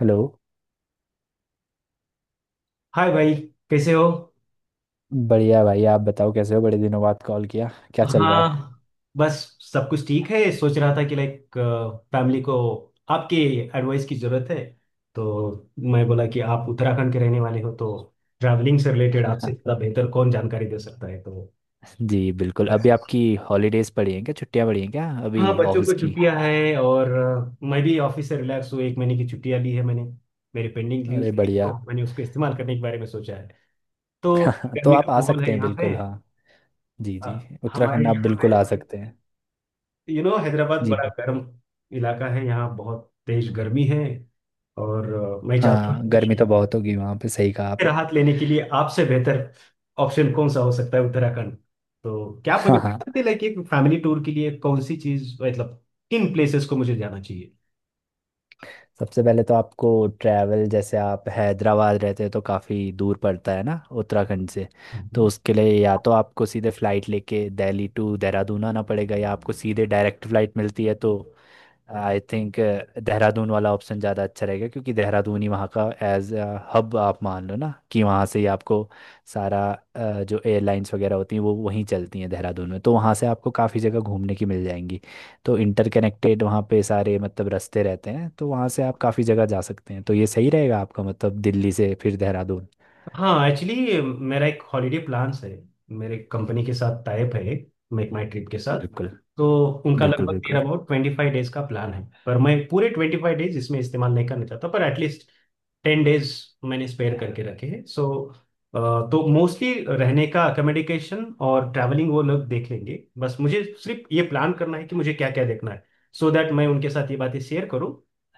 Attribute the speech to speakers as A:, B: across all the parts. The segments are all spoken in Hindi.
A: हेलो।
B: हाय भाई, कैसे हो?
A: बढ़िया भाई, आप बताओ कैसे हो? बड़े दिनों बाद कॉल किया, क्या चल रहा है?
B: हाँ। बस सब कुछ ठीक है। सोच रहा था कि लाइक फैमिली को आपकी एडवाइस की ज़रूरत है। तो मैं बोला कि आप उत्तराखंड के रहने वाले हो, तो ट्रैवलिंग से रिलेटेड आपसे ज़्यादा बेहतर कौन जानकारी दे सकता है। तो
A: जी बिल्कुल।
B: बस।
A: अभी आपकी हॉलीडेज पड़ी हैं क्या, छुट्टियां पड़ी हैं क्या अभी?
B: हाँ, बच्चों
A: ऑफिस
B: को
A: की?
B: छुट्टियां हैं, और मैं भी ऑफिस से रिलैक्स हूँ। एक महीने की छुट्टियां ली है मैंने। मेरे पेंडिंग
A: अरे
B: लीव्स थी, तो
A: बढ़िया।
B: मैंने उसको इस्तेमाल करने के बारे में सोचा है। तो
A: तो
B: गर्मी का
A: आप आ
B: माहौल
A: सकते
B: है
A: हैं,
B: यहाँ पे।
A: बिल्कुल हाँ। जी जी। उत्तराखंड
B: हमारे
A: आप
B: यहाँ पे
A: बिल्कुल आ सकते हैं।
B: You know Hyderabad
A: ji.
B: बड़ा गर्म इलाका है। यहाँ बहुत तेज गर्मी है। और मैं चाहता हूँ
A: हाँ,
B: कुछ
A: गर्मी तो बहुत होगी वहाँ पे, सही कहा आपने।
B: राहत लेने के लिए। आपसे बेहतर ऑप्शन कौन सा हो सकता है उत्तराखंड? तो क्या आप
A: हाँ
B: मुझे
A: हाँ।
B: बता सकते हैं लाइक एक फैमिली टूर के लिए कौन सी चीज, मतलब किन प्लेसेस को मुझे जाना चाहिए?
A: सबसे पहले तो आपको ट्रैवल, जैसे आप हैदराबाद रहते हो तो काफ़ी दूर पड़ता है ना उत्तराखंड से। तो
B: हम्म।
A: उसके लिए या तो आपको सीधे फ़्लाइट लेके दिल्ली टू देहरादून आना पड़ेगा, या आपको सीधे डायरेक्ट फ़्लाइट मिलती है तो आई थिंक देहरादून वाला ऑप्शन ज़्यादा अच्छा रहेगा, क्योंकि देहरादून ही वहाँ का एज हब, आप मान लो ना कि वहाँ से ही आपको सारा जो एयरलाइंस वगैरह होती हैं वो वहीं चलती हैं देहरादून में, तो वहाँ से आपको काफ़ी जगह घूमने की मिल जाएंगी। तो इंटरकनेक्टेड वहाँ पे सारे मतलब रास्ते रहते हैं, तो वहाँ से आप काफ़ी जगह जा सकते हैं, तो ये सही रहेगा आपका मतलब, दिल्ली से फिर देहरादून।
B: हाँ, एक्चुअली मेरा एक हॉलीडे प्लान्स है, मेरे कंपनी के साथ टाइप है, मेक माई ट्रिप के साथ।
A: बिल्कुल,
B: तो उनका
A: बिल्कुल,
B: लगभग नियर
A: बिल्कुल।
B: अबाउट 25 डेज का प्लान है, पर मैं पूरे 25 डेज इसमें इस्तेमाल नहीं करना चाहता, पर एटलीस्ट 10 डेज मैंने स्पेयर करके रखे हैं। सो तो मोस्टली रहने का अकोमोडेशन और ट्रैवलिंग वो लोग देख लेंगे। बस मुझे सिर्फ ये प्लान करना है कि मुझे क्या क्या देखना है। सो दैट मैं उनके साथ ये बातें शेयर करूँ।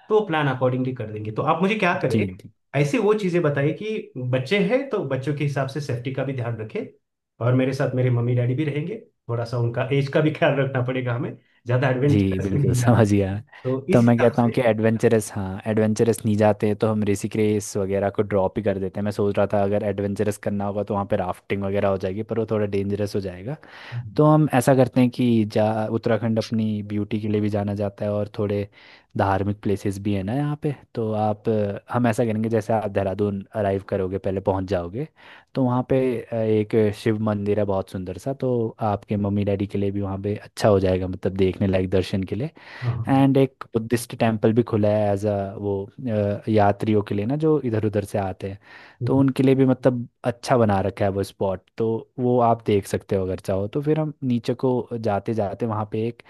B: तो प्लान अकॉर्डिंगली कर देंगे। तो आप मुझे क्या करें,
A: जी जी।
B: ऐसे वो चीज़ें बताइए कि बच्चे हैं, तो बच्चों के हिसाब से सेफ्टी का भी ध्यान रखें। और मेरे साथ मेरे मम्मी डैडी भी रहेंगे, थोड़ा सा उनका एज का भी ख्याल रखना पड़ेगा हमें। ज़्यादा
A: जी
B: एडवेंचरस में
A: बिल्कुल,
B: नहीं जाना।
A: समझ गया।
B: तो इस
A: तो मैं
B: हिसाब
A: कहता हूँ
B: से।
A: कि एडवेंचरस, हाँ एडवेंचरस नहीं जाते तो हम ऋषिकेश वगैरह को ड्रॉप ही कर देते हैं। मैं सोच रहा था अगर एडवेंचरस करना होगा तो वहाँ पे राफ्टिंग वगैरह हो जाएगी, पर वो थोड़ा डेंजरस हो जाएगा। तो हम ऐसा करते हैं कि जा... उत्तराखंड अपनी ब्यूटी के लिए भी जाना जाता है, और थोड़े धार्मिक प्लेसेस भी हैं ना यहाँ पे। तो आप हम ऐसा करेंगे, जैसे आप देहरादून अराइव करोगे पहले, पहुँच जाओगे, तो वहाँ पे एक शिव मंदिर है बहुत सुंदर सा, तो आपके मम्मी डैडी के लिए भी वहाँ पे अच्छा हो जाएगा मतलब, देखने लायक दर्शन के लिए।
B: हाँ, हाँ,
A: एंड एक बुद्धिस्ट टेम्पल भी खुला है एज अ वो, यात्रियों के लिए ना, जो इधर उधर से आते हैं, तो
B: हाँ,
A: उनके लिए भी मतलब अच्छा बना रखा है वो स्पॉट। तो वो आप देख सकते हो अगर चाहो तो। फिर हम नीचे को जाते जाते वहाँ पे एक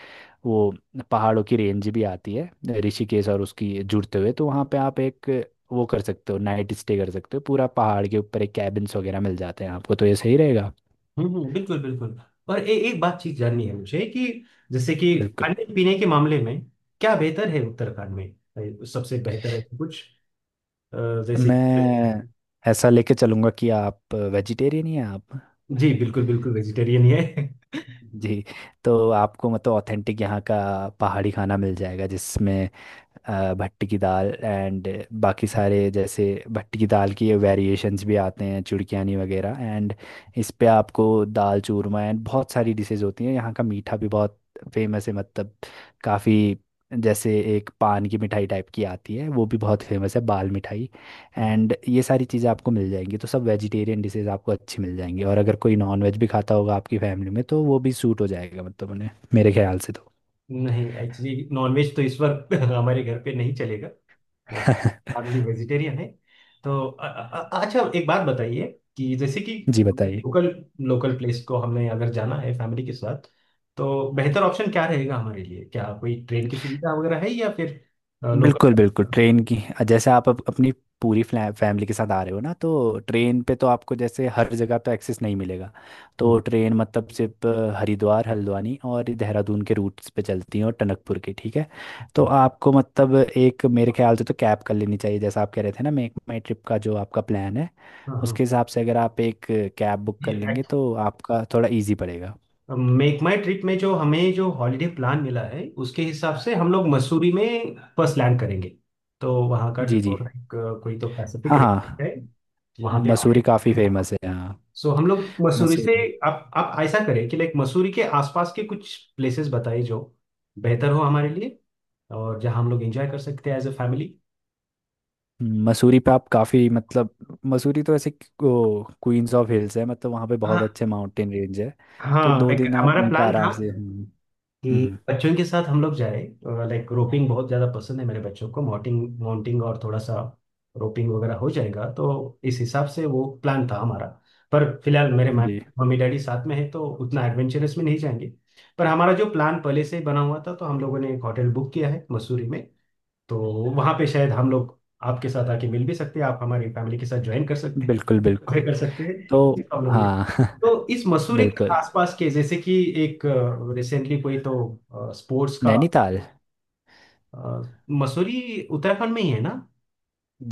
A: वो पहाड़ों की रेंज भी आती है, ऋषिकेश और उसकी जुड़ते हुए, तो वहाँ पे आप एक वो कर सकते हो, नाइट स्टे कर सकते हो पूरा पहाड़ के ऊपर, एक कैबिन्स वगैरह मिल जाते हैं आपको, तो ये सही रहेगा।
B: हम्म, बिल्कुल, बिल्कुल। और एक बात चीज जाननी है मुझे कि, जैसे कि
A: बिल्कुल।
B: खाने पीने के मामले में क्या बेहतर है उत्तराखंड में? सबसे बेहतर है तो कुछ अ, जैसे कि।
A: मैं ऐसा लेके चलूंगा कि आप वेजिटेरियन ही हैं आप?
B: जी, बिल्कुल बिल्कुल वेजिटेरियन ही है।
A: जी। तो आपको मतलब ऑथेंटिक यहाँ का पहाड़ी खाना मिल जाएगा, जिसमें भट्टी की दाल एंड बाकी सारे, जैसे भट्टी की दाल की वेरिएशंस भी आते हैं, चुड़कियानी वगैरह, एंड इस पे आपको दाल चूरमा एंड बहुत सारी डिशेज होती हैं। यहाँ का मीठा भी बहुत फेमस है मतलब, काफ़ी, जैसे एक पान की मिठाई टाइप की आती है वो भी बहुत फेमस है, बाल मिठाई। एंड ये सारी चीज़ें आपको मिल जाएंगी, तो सब वेजिटेरियन डिशेज आपको अच्छी मिल जाएंगी। और अगर कोई नॉन वेज भी खाता होगा आपकी फैमिली में तो वो भी सूट हो जाएगा मतलब उन्हें, मेरे ख्याल से तो।
B: नहीं, एक्चुअली नॉनवेज तो इस वक्त हमारे घर पे नहीं चलेगा। मोस्ट फैमिली वेजिटेरियन है। तो अच्छा, एक बात बताइए कि जैसे कि
A: जी बताइए।
B: लोकल लोकल प्लेस को हमने अगर जाना है फैमिली के साथ, तो बेहतर ऑप्शन क्या रहेगा हमारे लिए? क्या कोई ट्रेन की सुविधा वगैरह है, या फिर
A: बिल्कुल
B: लोकल।
A: बिल्कुल, ट्रेन की। जैसे आप अपनी पूरी फैमिली के साथ आ रहे हो ना, तो ट्रेन पे तो आपको जैसे हर जगह पे एक्सेस नहीं मिलेगा। तो ट्रेन मतलब सिर्फ हरिद्वार, हल्द्वानी और देहरादून के रूट्स पे चलती हैं, और टनकपुर की, ठीक है। तो आपको मतलब एक मेरे ख्याल से तो कैब कर लेनी चाहिए, जैसा आप कह रहे थे ना, मेक माई ट्रिप का जो आपका प्लान है,
B: हाँ,
A: उसके हिसाब से अगर आप एक कैब बुक कर
B: हाँ।
A: लेंगे तो आपका थोड़ा इजी पड़ेगा।
B: मेक माई ट्रिप में जो हॉलीडे प्लान मिला है, उसके हिसाब से हम लोग मसूरी में फर्स्ट लैंड करेंगे। तो वहाँ का
A: जी जी।
B: जो लाइक कोई तो पैसिफिक
A: हाँ हाँ,
B: रेट है जी वहाँ पे जी
A: मसूरी काफ़ी
B: हमारे।
A: फेमस है, हाँ।
B: सो हम लोग मसूरी से,
A: मसूरी।
B: आप ऐसा करें कि लाइक मसूरी के आसपास के कुछ प्लेसेस बताइए जो बेहतर हो हमारे लिए, और जहाँ हम लोग एंजॉय कर सकते हैं एज अ फैमिली।
A: मसूरी पे आप काफ़ी मतलब, मसूरी तो ऐसे क्वींस ऑफ हिल्स है, मतलब वहाँ पे बहुत
B: हाँ,
A: अच्छे माउंटेन रेंज है। तो
B: हाँ।
A: दो
B: एक
A: दिन आप
B: हमारा
A: वहीं पे
B: प्लान
A: आराम
B: था
A: से, हम्म,
B: कि बच्चों के साथ हम लोग जाए लाइक, रोपिंग बहुत ज़्यादा पसंद है मेरे बच्चों को, माउंटिंग माउंटिंग और थोड़ा सा रोपिंग वगैरह हो जाएगा, तो इस हिसाब से वो प्लान था हमारा। पर फिलहाल मेरे
A: जी
B: मम्मी डैडी साथ में है, तो उतना एडवेंचरस में नहीं जाएंगे। पर हमारा जो प्लान पहले से ही बना हुआ था, तो हम लोगों ने एक होटल बुक किया है मसूरी में। तो वहाँ पे शायद हम लोग आपके साथ आके मिल भी सकते हैं। आप हमारी फैमिली के साथ ज्वाइन कर सकते,
A: बिल्कुल बिल्कुल,
B: आगे कर सकते हैं।
A: तो
B: कोई प्रॉब्लम नहीं।
A: हाँ।
B: तो इस मसूरी के
A: बिल्कुल।
B: आसपास के जैसे कि एक रिसेंटली कोई तो स्पोर्ट्स का
A: नैनीताल।
B: अ, मसूरी उत्तराखंड में ही है ना?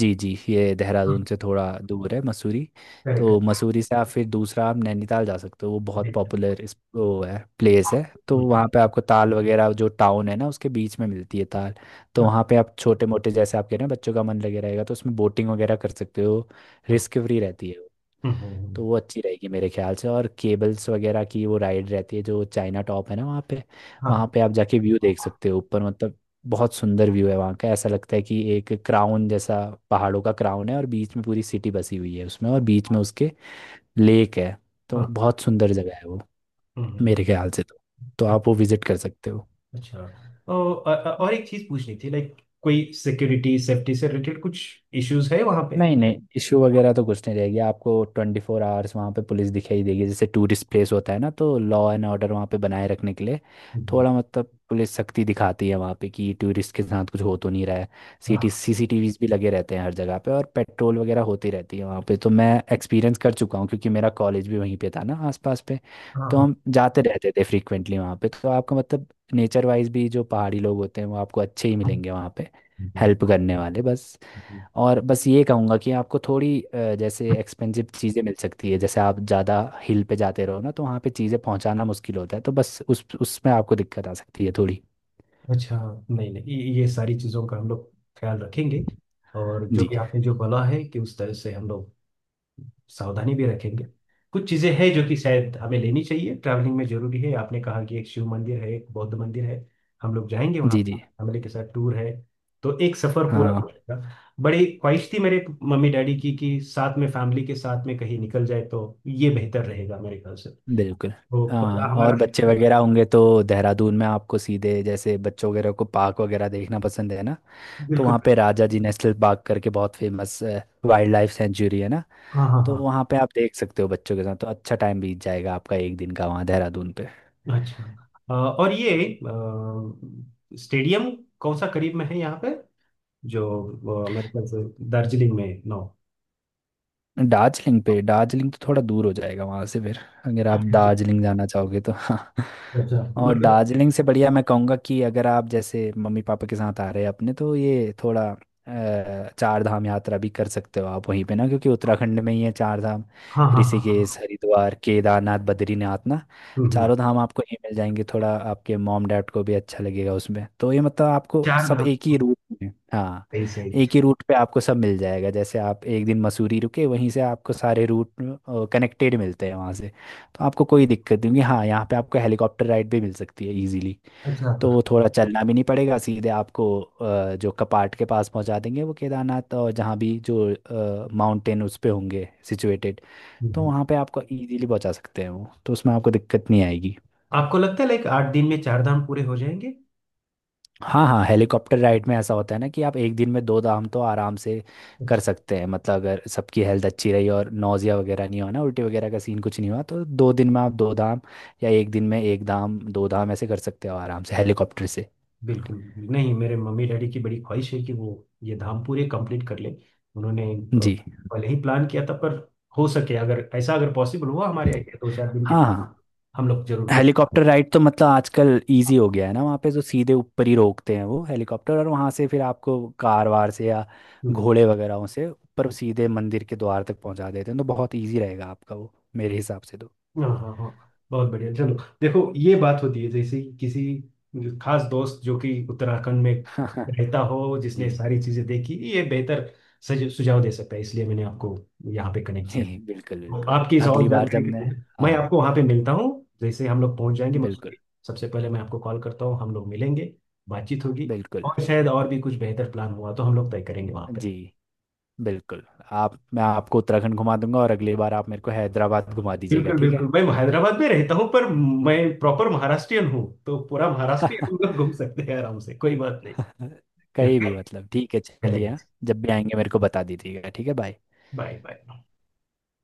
A: जी जी, ये देहरादून
B: हाँ,
A: से थोड़ा दूर है मसूरी। तो
B: करेक्ट,
A: मसूरी से आप फिर दूसरा आप नैनीताल जा सकते हो, वो बहुत
B: करेक्ट।
A: पॉपुलर इस वो है, प्लेस है। तो
B: हम्म,
A: वहाँ पे आपको ताल वगैरह, जो टाउन है ना उसके बीच में मिलती है ताल। तो
B: हाँ,
A: वहाँ पे आप छोटे मोटे, जैसे आप कह रहे हैं बच्चों का मन लगे रहेगा, तो उसमें बोटिंग वगैरह कर सकते हो।
B: हाँ।
A: रिस्क फ्री रहती है,
B: हम्म।
A: तो वो अच्छी रहेगी मेरे ख्याल से। और केबल्स वगैरह की वो राइड रहती है, जो चाइना टॉप है ना वहाँ पे।
B: हाँ,
A: वहाँ पे आप जाके व्यू देख सकते हो ऊपर, मतलब बहुत सुंदर व्यू है वहाँ का। ऐसा लगता है कि एक क्राउन जैसा, पहाड़ों का क्राउन है और बीच में पूरी सिटी बसी हुई है उसमें, और बीच में उसके लेक है। तो
B: हाँ।
A: बहुत सुंदर जगह है वो
B: हम्म।
A: मेरे ख्याल से तो आप वो विजिट कर सकते हो।
B: अच्छा, और और एक चीज पूछनी थी लाइक, कोई सिक्योरिटी सेफ्टी से रिलेटेड कुछ इश्यूज है वहां पे?
A: नहीं नहीं, इशू वगैरह तो कुछ नहीं रहेगी आपको। 24 आवर्स वहाँ पे पुलिस दिखाई देगी, जैसे टूरिस्ट प्लेस होता है ना, तो लॉ एंड ऑर्डर वहाँ पे बनाए रखने के लिए
B: हम्म,
A: थोड़ा मतलब पुलिस सख्ती दिखाती है वहाँ पे, कि टूरिस्ट के साथ कुछ हो तो नहीं रहा है। सीटी
B: हाँ,
A: सीसीटीवीज भी लगे रहते हैं हर जगह पे, और पेट्रोल वगैरह होती रहती है वहाँ पे। तो मैं एक्सपीरियंस कर चुका हूँ, क्योंकि मेरा कॉलेज भी वहीं पे था ना आसपास पे।
B: हाँ,
A: तो
B: हाँ,
A: हम जाते रहते थे फ्रीक्वेंटली वहाँ पे। तो आपका मतलब नेचर वाइज भी, जो पहाड़ी लोग होते हैं वो आपको अच्छे ही
B: हाँ,
A: मिलेंगे वहाँ पे, हेल्प करने वाले, बस।
B: हाँ।
A: और बस ये कहूँगा कि आपको थोड़ी जैसे एक्सपेंसिव चीज़ें मिल सकती है, जैसे आप ज़्यादा हिल पे जाते रहो ना, तो वहाँ पे चीज़ें पहुँचाना मुश्किल होता है, तो बस उस उसमें आपको दिक्कत आ सकती है थोड़ी।
B: अच्छा, नहीं नहीं, ये सारी चीज़ों का हम लोग ख्याल रखेंगे। और जो
A: जी
B: कि आपने जो बोला है कि उस तरह से हम लोग सावधानी भी रखेंगे। कुछ चीज़ें हैं जो कि शायद हमें लेनी चाहिए, ट्रैवलिंग में जरूरी है। आपने कहा कि एक शिव मंदिर है, एक बौद्ध मंदिर है। हम लोग जाएंगे वहाँ,
A: जी। जी
B: फैमिली के साथ टूर है, तो एक सफ़र पूरा
A: हाँ
B: हो जाएगा। बड़ी ख्वाहिश थी मेरे मम्मी डैडी की कि साथ में फैमिली के साथ में कहीं निकल जाए, तो ये बेहतर रहेगा मेरे ख्याल से।
A: बिल्कुल।
B: तो पर
A: हाँ
B: हमारा।
A: और बच्चे वगैरह होंगे तो देहरादून में आपको सीधे, जैसे बच्चों वगैरह को पार्क वगैरह देखना पसंद है ना, तो
B: बिल्कुल,
A: वहाँ पे राजा जी नेशनल पार्क करके बहुत फेमस वाइल्ड लाइफ सेंचुरी है ना।
B: हाँ, हाँ,
A: तो
B: हाँ।
A: वहाँ पे आप देख सकते हो बच्चों के साथ तो अच्छा टाइम बीत जाएगा आपका, एक दिन का वहाँ देहरादून पे।
B: अच्छा, और ये स्टेडियम कौन सा करीब में है यहाँ पे जो मेरे ख्याल से दार्जिलिंग में है। नो।
A: दार्जिलिंग पे, दार्जिलिंग तो थोड़ा दूर हो जाएगा वहां से फिर। अगर आप
B: अच्छा,
A: दार्जिलिंग जाना चाहोगे तो हाँ।
B: अच्छा।
A: और
B: मतलब,
A: दार्जिलिंग से बढ़िया मैं कहूँगा कि अगर आप जैसे मम्मी पापा के साथ आ रहे हैं अपने, तो ये थोड़ा चार धाम यात्रा भी कर सकते हो आप वहीं पे ना, क्योंकि उत्तराखंड में ही है चार धाम,
B: हाँ, हाँ, हाँ, हाँ,
A: ऋषिकेश, हरिद्वार, केदारनाथ, बद्रीनाथ ना।
B: हम्म,
A: चारों धाम आपको ये मिल जाएंगे, थोड़ा आपके मॉम डैड को भी अच्छा लगेगा उसमें, तो ये मतलब आपको
B: चार
A: सब
B: धाम।
A: एक ही रूट में, हाँ।
B: सही, सही।
A: एक ही रूट पे आपको सब मिल जाएगा, जैसे आप एक दिन मसूरी रुके, वहीं से आपको सारे रूट कनेक्टेड मिलते हैं वहाँ से। तो आपको कोई दिक्कत नहीं होगी, हाँ। यहाँ पे आपको हेलीकॉप्टर राइड भी मिल सकती है इजीली।
B: अच्छा।
A: तो वो थोड़ा चलना भी नहीं पड़ेगा, सीधे आपको जो कपाट के पास पहुँचा देंगे वो, केदारनाथ और जहाँ भी जो माउंटेन उस पे होंगे सिचुएटेड,
B: हम्म,
A: तो
B: हम्म।
A: वहाँ पे आपको इजीली पहुँचा सकते हैं वो। तो उसमें आपको दिक्कत नहीं आएगी।
B: आपको लगता है लाइक 8 दिन में चार धाम पूरे हो जाएंगे?
A: हाँ हाँ, हेलीकॉप्टर राइड में ऐसा होता है ना कि आप एक दिन में दो धाम तो आराम से कर
B: अच्छा,
A: सकते हैं, मतलब अगर सबकी हेल्थ अच्छी रही और नौजिया वगैरह नहीं हुआ ना, उल्टी वगैरह का सीन कुछ नहीं हुआ, तो 2 दिन में आप दो धाम या एक दिन में एक धाम दो धाम ऐसे कर सकते हो आराम से हेलीकॉप्टर से।
B: बिल्कुल बिल्कुल। नहीं, मेरे मम्मी डैडी की बड़ी ख्वाहिश है कि वो ये धाम पूरे कंप्लीट कर ले। उन्होंने
A: जी।
B: पहले ही प्लान किया था। पर हो सके, अगर ऐसा, अगर पॉसिबल हुआ हमारे यहाँ दो चार दिन के,
A: हाँ हाँ,
B: हम लोग जरूर
A: हेलीकॉप्टर राइड तो मतलब आजकल इजी हो गया है ना वहाँ पे, तो सीधे ऊपर ही रोकते हैं वो हेलीकॉप्टर, और वहाँ से फिर आपको कार वार से या
B: कुछ।
A: घोड़े वगैरह से ऊपर सीधे मंदिर के द्वार तक पहुँचा देते हैं। तो बहुत इजी रहेगा आपका वो मेरे हिसाब से
B: हाँ, हाँ, हाँ, बहुत बढ़िया। चलो, देखो ये बात होती है जैसे कि किसी खास दोस्त जो कि उत्तराखंड में
A: तो।
B: रहता हो,
A: जी
B: जिसने सारी चीजें देखी, ये बेहतर सुझाव दे सकता है। इसलिए मैंने आपको यहाँ पे कनेक्ट
A: जी,
B: किया।
A: बिल्कुल
B: तो
A: बिल्कुल।
B: आपकी इस और
A: अगली बार
B: जानकारी
A: जब
B: के
A: मैं...
B: लिए मैं
A: हाँ,
B: आपको वहाँ पे मिलता हूँ। जैसे हम लोग पहुँच जाएंगे
A: बिल्कुल
B: मसूरी, सबसे पहले मैं आपको कॉल करता हूँ। हम लोग मिलेंगे, बातचीत होगी।
A: बिल्कुल।
B: और शायद और भी कुछ बेहतर प्लान हुआ, तो हम लोग तय करेंगे वहाँ पे।
A: जी बिल्कुल। आप, मैं आपको उत्तराखंड घुमा दूंगा और अगली बार आप मेरे को हैदराबाद घुमा दीजिएगा,
B: बिल्कुल
A: ठीक है?
B: बिल्कुल। मैं हैदराबाद में रहता हूँ, पर मैं प्रॉपर महाराष्ट्रियन हूँ, तो पूरा महाराष्ट्र ही हम लोग घूम सकते हैं आराम से। कोई बात नहीं।
A: कहीं भी मतलब, ठीक है चलिए
B: चलेगा।
A: हाँ। जब भी आएंगे मेरे को बता दीजिएगा, ठीक है? बाय।
B: Bye, bye.